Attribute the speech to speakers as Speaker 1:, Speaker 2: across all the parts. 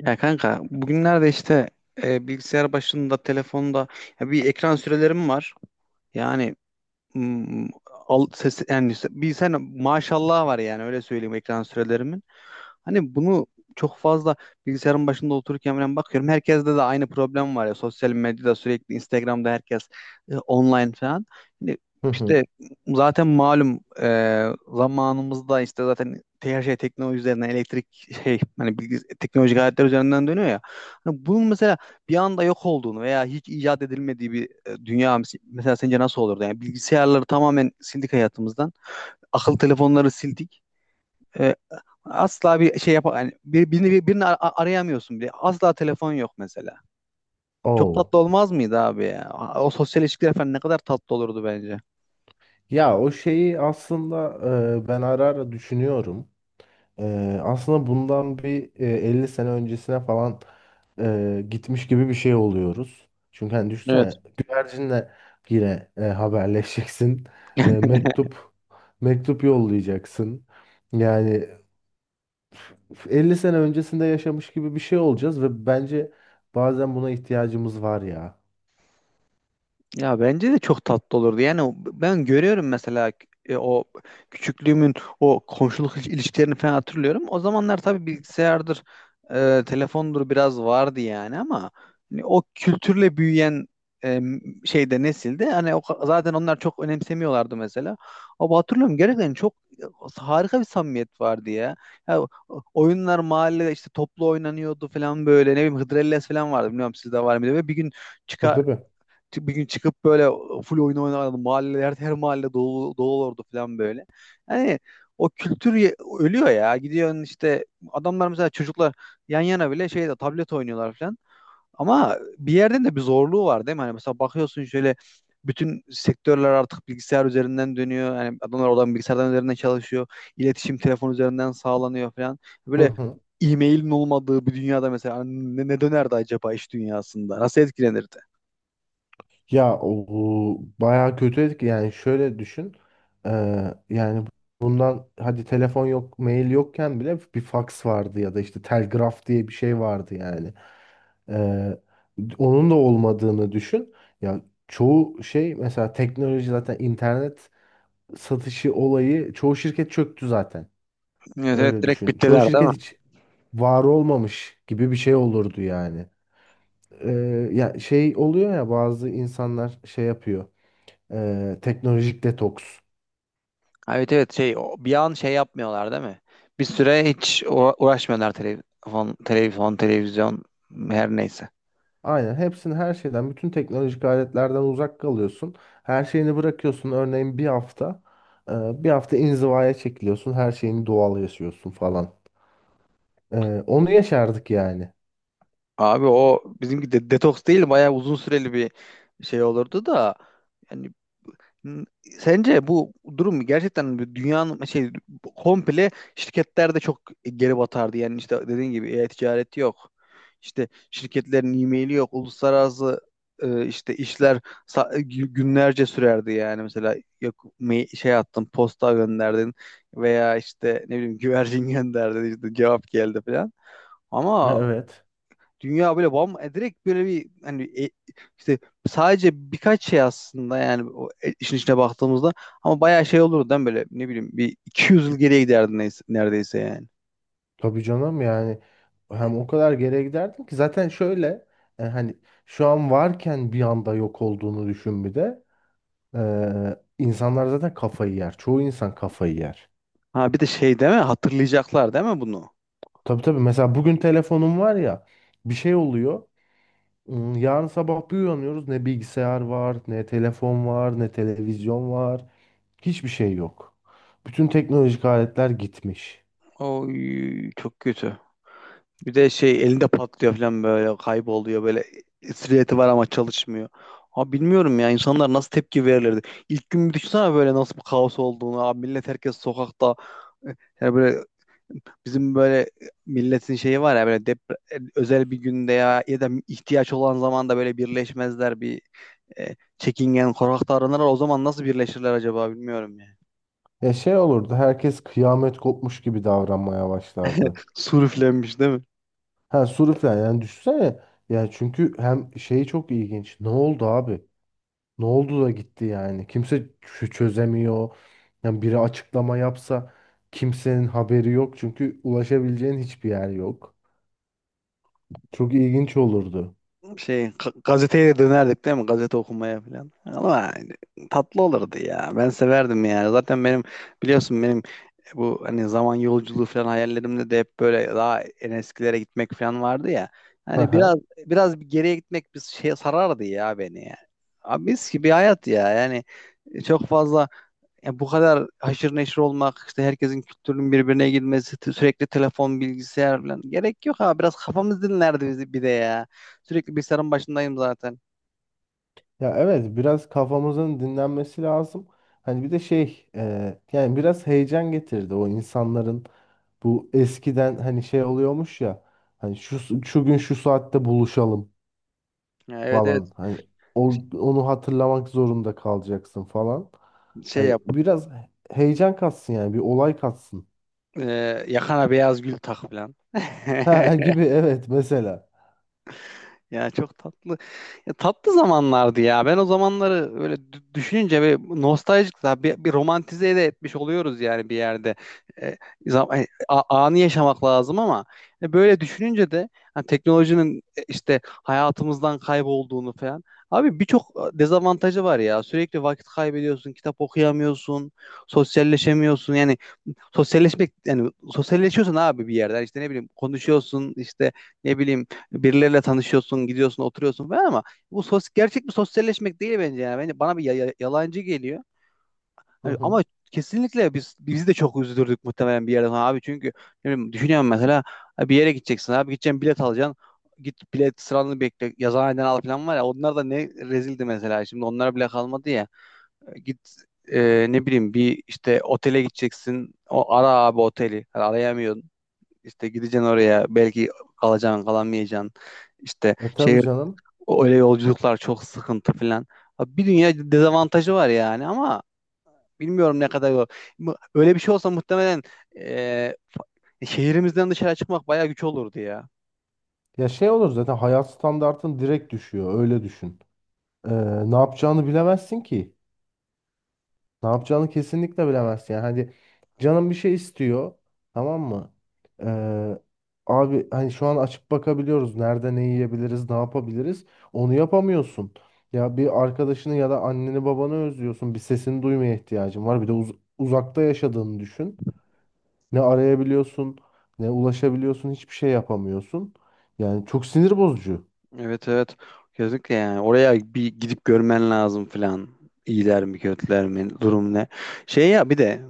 Speaker 1: Ya kanka bugünlerde işte bilgisayar başında, telefonda ya bir ekran sürelerim var. Yani Hmm, al, ses, yani bir sen maşallah var yani öyle söyleyeyim ekran sürelerimin. Hani bunu çok fazla bilgisayarın başında otururken falan bakıyorum. Herkeste de aynı problem var ya. Sosyal medyada sürekli Instagram'da herkes online falan. Hani
Speaker 2: Hı hı.
Speaker 1: işte zaten malum zamanımızda işte zaten her şey teknoloji üzerinden elektrik şey hani teknolojik aletler üzerinden dönüyor ya. Hani bunun mesela bir anda yok olduğunu veya hiç icat edilmediği bir dünya mesela sence nasıl olurdu? Yani bilgisayarları tamamen sildik hayatımızdan. Akıllı telefonları sildik. E, Asla bir şey yap yani birini arayamıyorsun bile. Asla telefon yok mesela. Çok
Speaker 2: Oo.
Speaker 1: tatlı olmaz mıydı abi ya? O sosyal ilişkiler falan ne kadar tatlı olurdu bence.
Speaker 2: Ya o şeyi aslında ben ara ara düşünüyorum. Aslında bundan bir 50 sene öncesine falan gitmiş gibi bir şey oluyoruz. Çünkü hani
Speaker 1: Evet.
Speaker 2: düşünsene güvercinle yine haberleşeceksin. E, mektup mektup yollayacaksın. Yani 50 sene öncesinde yaşamış gibi bir şey olacağız ve bence bazen buna ihtiyacımız var ya.
Speaker 1: Ya bence de çok tatlı olurdu. Yani ben görüyorum mesela o küçüklüğümün o komşuluk ilişkilerini falan hatırlıyorum. O zamanlar tabii bilgisayardır, telefondur biraz vardı yani ama hani o kültürle büyüyen e, şeyde nesilde hani zaten onlar çok önemsemiyorlardı mesela. Ama hatırlıyorum gerçekten çok e, harika bir samimiyet vardı ya. Ya o- Oyunlar mahallede işte toplu oynanıyordu falan böyle ne bileyim Hıdrellez falan vardı bilmiyorum sizde var mıydı ve
Speaker 2: Tabii tabii.
Speaker 1: Bir gün çıkıp böyle full oyun oynardım. Her her mahalle dolu, dolu olurdu falan böyle. Yani o kültür ölüyor ya. Gidiyorsun işte adamlar mesela çocuklar yan yana bile şeyde tablet oynuyorlar falan. Ama bir yerden de bir zorluğu var değil mi? Hani mesela bakıyorsun şöyle bütün sektörler artık bilgisayar üzerinden dönüyor. Yani adamlar oradan bilgisayardan üzerinden çalışıyor. İletişim telefon üzerinden sağlanıyor falan.
Speaker 2: Hı
Speaker 1: Böyle
Speaker 2: hı.
Speaker 1: e-mailin olmadığı bir dünyada mesela ne dönerdi acaba iş dünyasında? Nasıl etkilenirdi?
Speaker 2: Ya o bu bayağı kötü etki, yani şöyle düşün. Yani bundan hadi telefon yok, mail yokken bile bir faks vardı ya da işte telgraf diye bir şey vardı. Yani Eee, onun da olmadığını düşün. Ya çoğu şey, mesela teknoloji, zaten internet satışı olayı, çoğu şirket çöktü zaten.
Speaker 1: Evet, evet
Speaker 2: Öyle
Speaker 1: direkt
Speaker 2: düşün, çoğu
Speaker 1: bittiler değil mi?
Speaker 2: şirket hiç var olmamış gibi bir şey olurdu yani. Ya şey oluyor ya, bazı insanlar şey yapıyor, teknolojik detoks.
Speaker 1: Ha, evet evet şey bir an şey yapmıyorlar değil mi? Bir süre hiç uğraşmıyorlar telefon televizyon her neyse.
Speaker 2: Aynen, hepsini, her şeyden, bütün teknolojik aletlerden uzak kalıyorsun. Her şeyini bırakıyorsun. Örneğin bir hafta bir hafta inzivaya çekiliyorsun. Her şeyini doğal yaşıyorsun falan. Onu yaşardık yani.
Speaker 1: Abi o bizimki de detoks değil bayağı uzun süreli bir şey olurdu da yani N- Sence bu durum gerçekten bir dünyanın şey komple şirketlerde çok geri batardı. Yani işte dediğin gibi e-ticaret yok. İşte şirketlerin e-maili yok. Uluslararası işte işler günlerce sürerdi yani. Mesela yok şey attın, posta gönderdin veya işte ne bileyim güvercin gönderdin işte cevap geldi falan. Ama
Speaker 2: Evet.
Speaker 1: dünya böyle bam direkt böyle bir hani işte sadece birkaç şey aslında yani o işin içine baktığımızda ama bayağı şey olurdu değil mi? Böyle ne bileyim bir 200 yıl geriye giderdi neyse, neredeyse yani.
Speaker 2: Tabii canım, yani hem o kadar geriye giderdim ki zaten. Şöyle hani şu an varken bir anda yok olduğunu düşün bir de. İnsanlar zaten kafayı yer. Çoğu insan kafayı yer.
Speaker 1: Ha bir de şey değil mi? Hatırlayacaklar değil mi bunu?
Speaker 2: Tabii tabii. Mesela bugün telefonum var ya, bir şey oluyor. Yarın sabah bir uyanıyoruz. Ne bilgisayar var, ne telefon var, ne televizyon var. Hiçbir şey yok. Bütün teknolojik aletler gitmiş.
Speaker 1: Oy çok kötü. Bir de şey elinde patlıyor falan böyle kayboluyor böyle silüeti var ama çalışmıyor. Abi bilmiyorum ya insanlar nasıl tepki verirlerdi. İlk gün bir düşünsene böyle nasıl bir kaos olduğunu. Abi millet herkes sokakta. e, Yani böyle bizim böyle milletin şeyi var ya böyle özel bir günde ya ya da ihtiyaç olan zaman da böyle birleşmezler bir çekingen korkak davranırlar. O zaman nasıl birleşirler acaba bilmiyorum ya.
Speaker 2: Ya şey olurdu, herkes kıyamet kopmuş gibi davranmaya başlardı.
Speaker 1: Sur üflenmiş değil mi?
Speaker 2: Ha sürüklen, yani düşünsene. Yani çünkü hem şey çok ilginç. Ne oldu abi? Ne oldu da gitti yani? Kimse çözemiyor. Yani biri açıklama yapsa kimsenin haberi yok, çünkü ulaşabileceğin hiçbir yer yok. Çok ilginç olurdu.
Speaker 1: Şey gazeteye dönerdik değil mi? Gazete okumaya falan. Ama yani tatlı olurdu ya. Ben severdim ya. Zaten benim biliyorsun benim bu hani zaman yolculuğu falan hayallerimde de hep böyle daha en eskilere gitmek falan vardı ya. Hani biraz
Speaker 2: Aha.
Speaker 1: biraz bir geriye gitmek bir şey sarardı ya beni ya. Abi mis gibi hayat ya. Yani çok fazla yani bu kadar haşır neşir olmak, işte herkesin kültürünün birbirine girmesi, sürekli telefon, bilgisayar falan. Gerek yok ha. Biraz kafamız dinlerdi bizi bir de ya. Sürekli bilgisayarın başındayım zaten.
Speaker 2: Ya evet, biraz kafamızın dinlenmesi lazım. Hani bir de şey, yani biraz heyecan getirdi o insanların. Bu eskiden hani şey oluyormuş ya, hani şu gün şu saatte buluşalım
Speaker 1: Ya, evet evet.
Speaker 2: falan. Hani onu hatırlamak zorunda kalacaksın falan.
Speaker 1: Şey
Speaker 2: Hani
Speaker 1: yap.
Speaker 2: biraz heyecan katsın, yani bir olay katsın.
Speaker 1: E, Yakana beyaz gül tak falan.
Speaker 2: Ha gibi, evet, mesela.
Speaker 1: Ya çok tatlı. Ya tatlı zamanlardı ya. Ben o zamanları öyle düşününce bir nostaljik daha bir romantize de etmiş oluyoruz yani bir yerde. E, Anı yaşamak lazım ama böyle düşününce de hani teknolojinin işte hayatımızdan kaybolduğunu falan. Abi birçok dezavantajı var ya. Sürekli vakit kaybediyorsun, kitap okuyamıyorsun, sosyalleşemiyorsun. Yani sosyalleşmek yani sosyalleşiyorsun abi bir yerden. İşte ne bileyim konuşuyorsun, işte ne bileyim birileriyle tanışıyorsun, gidiyorsun, oturuyorsun falan ama bu sos gerçek bir sosyalleşmek değil bence yani. Bence bana bir yalancı geliyor.
Speaker 2: Hı
Speaker 1: Yani
Speaker 2: hı.
Speaker 1: ama kesinlikle bizi de çok üzdürdük muhtemelen bir yerden sonra abi çünkü ne bileyim, düşünüyorum mesela abi bir yere gideceksin abi gideceksin bilet alacaksın. Git bilet sıranı bekle yazıhaneden al falan var ya onlar da ne rezildi mesela şimdi onlar bile kalmadı ya. Git ne bileyim bir işte otele gideceksin o ara abi oteli yani arayamıyorsun işte gideceksin oraya belki kalacaksın kalamayacaksın işte
Speaker 2: E tabii
Speaker 1: şey
Speaker 2: canım.
Speaker 1: o öyle yolculuklar çok sıkıntı falan. Abi bir dünya dezavantajı var yani ama bilmiyorum ne kadar yol. Öyle bir şey olsa muhtemelen şehrimizden dışarı çıkmak bayağı güç olurdu ya.
Speaker 2: Ya şey olur, zaten hayat standartın direkt düşüyor, öyle düşün. Ee, Ne yapacağını bilemezsin ki. Ne yapacağını kesinlikle bilemezsin. Yani hadi, canım bir şey istiyor. Tamam mı? Ee, Abi hani şu an açıp bakabiliyoruz. Nerede ne yiyebiliriz, ne yapabiliriz? Onu yapamıyorsun. Ya bir arkadaşını ya da anneni babanı özlüyorsun. Bir sesini duymaya ihtiyacın var. Bir de uzakta yaşadığını düşün. Ne arayabiliyorsun, ne ulaşabiliyorsun. Hiçbir şey yapamıyorsun. Yani çok sinir bozucu.
Speaker 1: Evet evet. Kesinlikle yani. Oraya bir gidip görmen lazım falan. İyiler mi kötüler mi durum ne. Şey ya bir de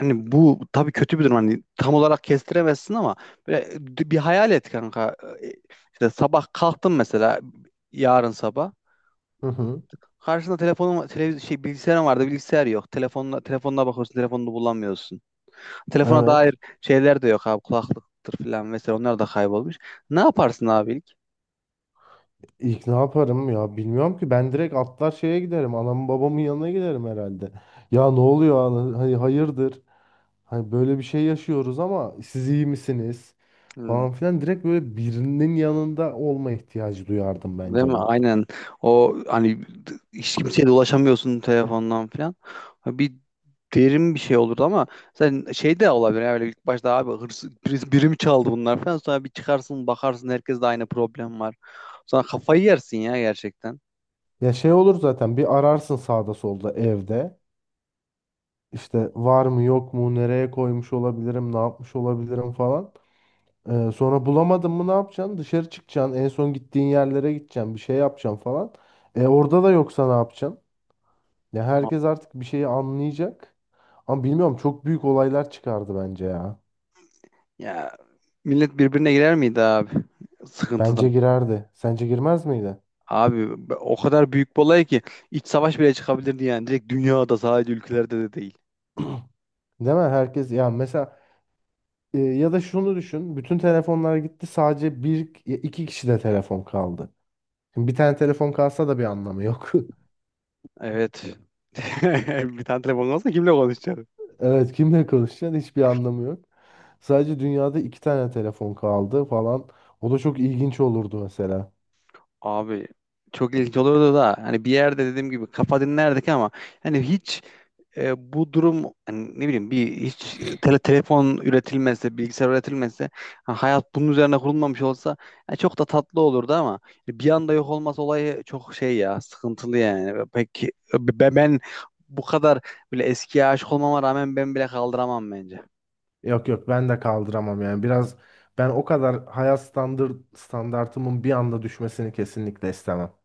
Speaker 1: hani bu tabii kötü bir durum. Hani tam olarak kestiremezsin ama böyle bir hayal et kanka. E, İşte sabah kalktın mesela yarın sabah.
Speaker 2: Hı hı.
Speaker 1: Karşında telefonun televiz şey bilgisayarın vardı. Bilgisayar yok. Telefonla telefonuna bakıyorsun. Telefonunu bulamıyorsun. Telefona dair
Speaker 2: Evet.
Speaker 1: şeyler de yok abi. Kulaklıktır falan vesaire. Onlar da kaybolmuş. Ne yaparsın abi ilk?
Speaker 2: İlk ne yaparım ya, bilmiyorum ki. Ben direkt atlar şeye giderim, anamın babamın yanına giderim herhalde. Ya ne oluyor ana- hani hayırdır, hani böyle bir şey yaşıyoruz ama siz iyi misiniz,
Speaker 1: Hmm,
Speaker 2: falan filan. Direkt böyle birinin yanında olma ihtiyacı duyardım
Speaker 1: değil
Speaker 2: bence
Speaker 1: mi?
Speaker 2: ben.
Speaker 1: Aynen. O hani hiç kimseye de ulaşamıyorsun telefondan falan. Bir derin bir şey olurdu ama sen şey de olabilir. Yani böyle ilk başta abi hırsız birisi birim çaldı bunlar falan. Sonra bir çıkarsın bakarsın herkes de aynı problem var. Sonra kafayı yersin ya gerçekten.
Speaker 2: Ya şey olur, zaten bir ararsın sağda solda evde, işte var mı yok mu, nereye koymuş olabilirim, ne yapmış olabilirim falan. Sonra bulamadın mı ne yapacaksın? Dışarı çıkacaksın. En son gittiğin yerlere gideceksin. Bir şey yapacaksın falan. E, orada da yoksa ne yapacaksın? Ya herkes artık bir şeyi anlayacak. Ama bilmiyorum, çok büyük olaylar çıkardı bence ya.
Speaker 1: Ya millet birbirine girer miydi abi sıkıntıdan?
Speaker 2: Bence girerdi. Sence girmez miydi?
Speaker 1: Abi o kadar büyük bir olay ki iç savaş bile çıkabilirdi yani. Direkt dünyada sadece ülkelerde de değil.
Speaker 2: Değil mi? Herkes, ya mesela ya da şunu düşün. Bütün telefonlar gitti, sadece bir iki kişi de telefon kaldı. Şimdi bir tane telefon kalsa da bir anlamı yok.
Speaker 1: Evet. Bir tane telefon olsa kimle konuşacaksın?
Speaker 2: Evet, kimle konuşacaksın? Hiçbir anlamı yok. Sadece dünyada iki tane telefon kaldı falan. O da çok ilginç olurdu mesela.
Speaker 1: Abi çok ilginç olurdu da hani bir yerde dediğim gibi kafa dinlerdik ama hani hiç bu durum hani ne bileyim bir hiç telefon üretilmezse, bilgisayar üretilmezse, ha, hayat bunun üzerine kurulmamış olsa ya çok da tatlı olurdu ama bir anda yok olması olayı çok şey ya sıkıntılı yani. Peki ben bu kadar bile eskiye aşık olmama rağmen ben bile kaldıramam bence.
Speaker 2: Yok yok, ben de kaldıramam yani. Biraz ben o kadar hayat standartımın bir anda düşmesini kesinlikle istemem.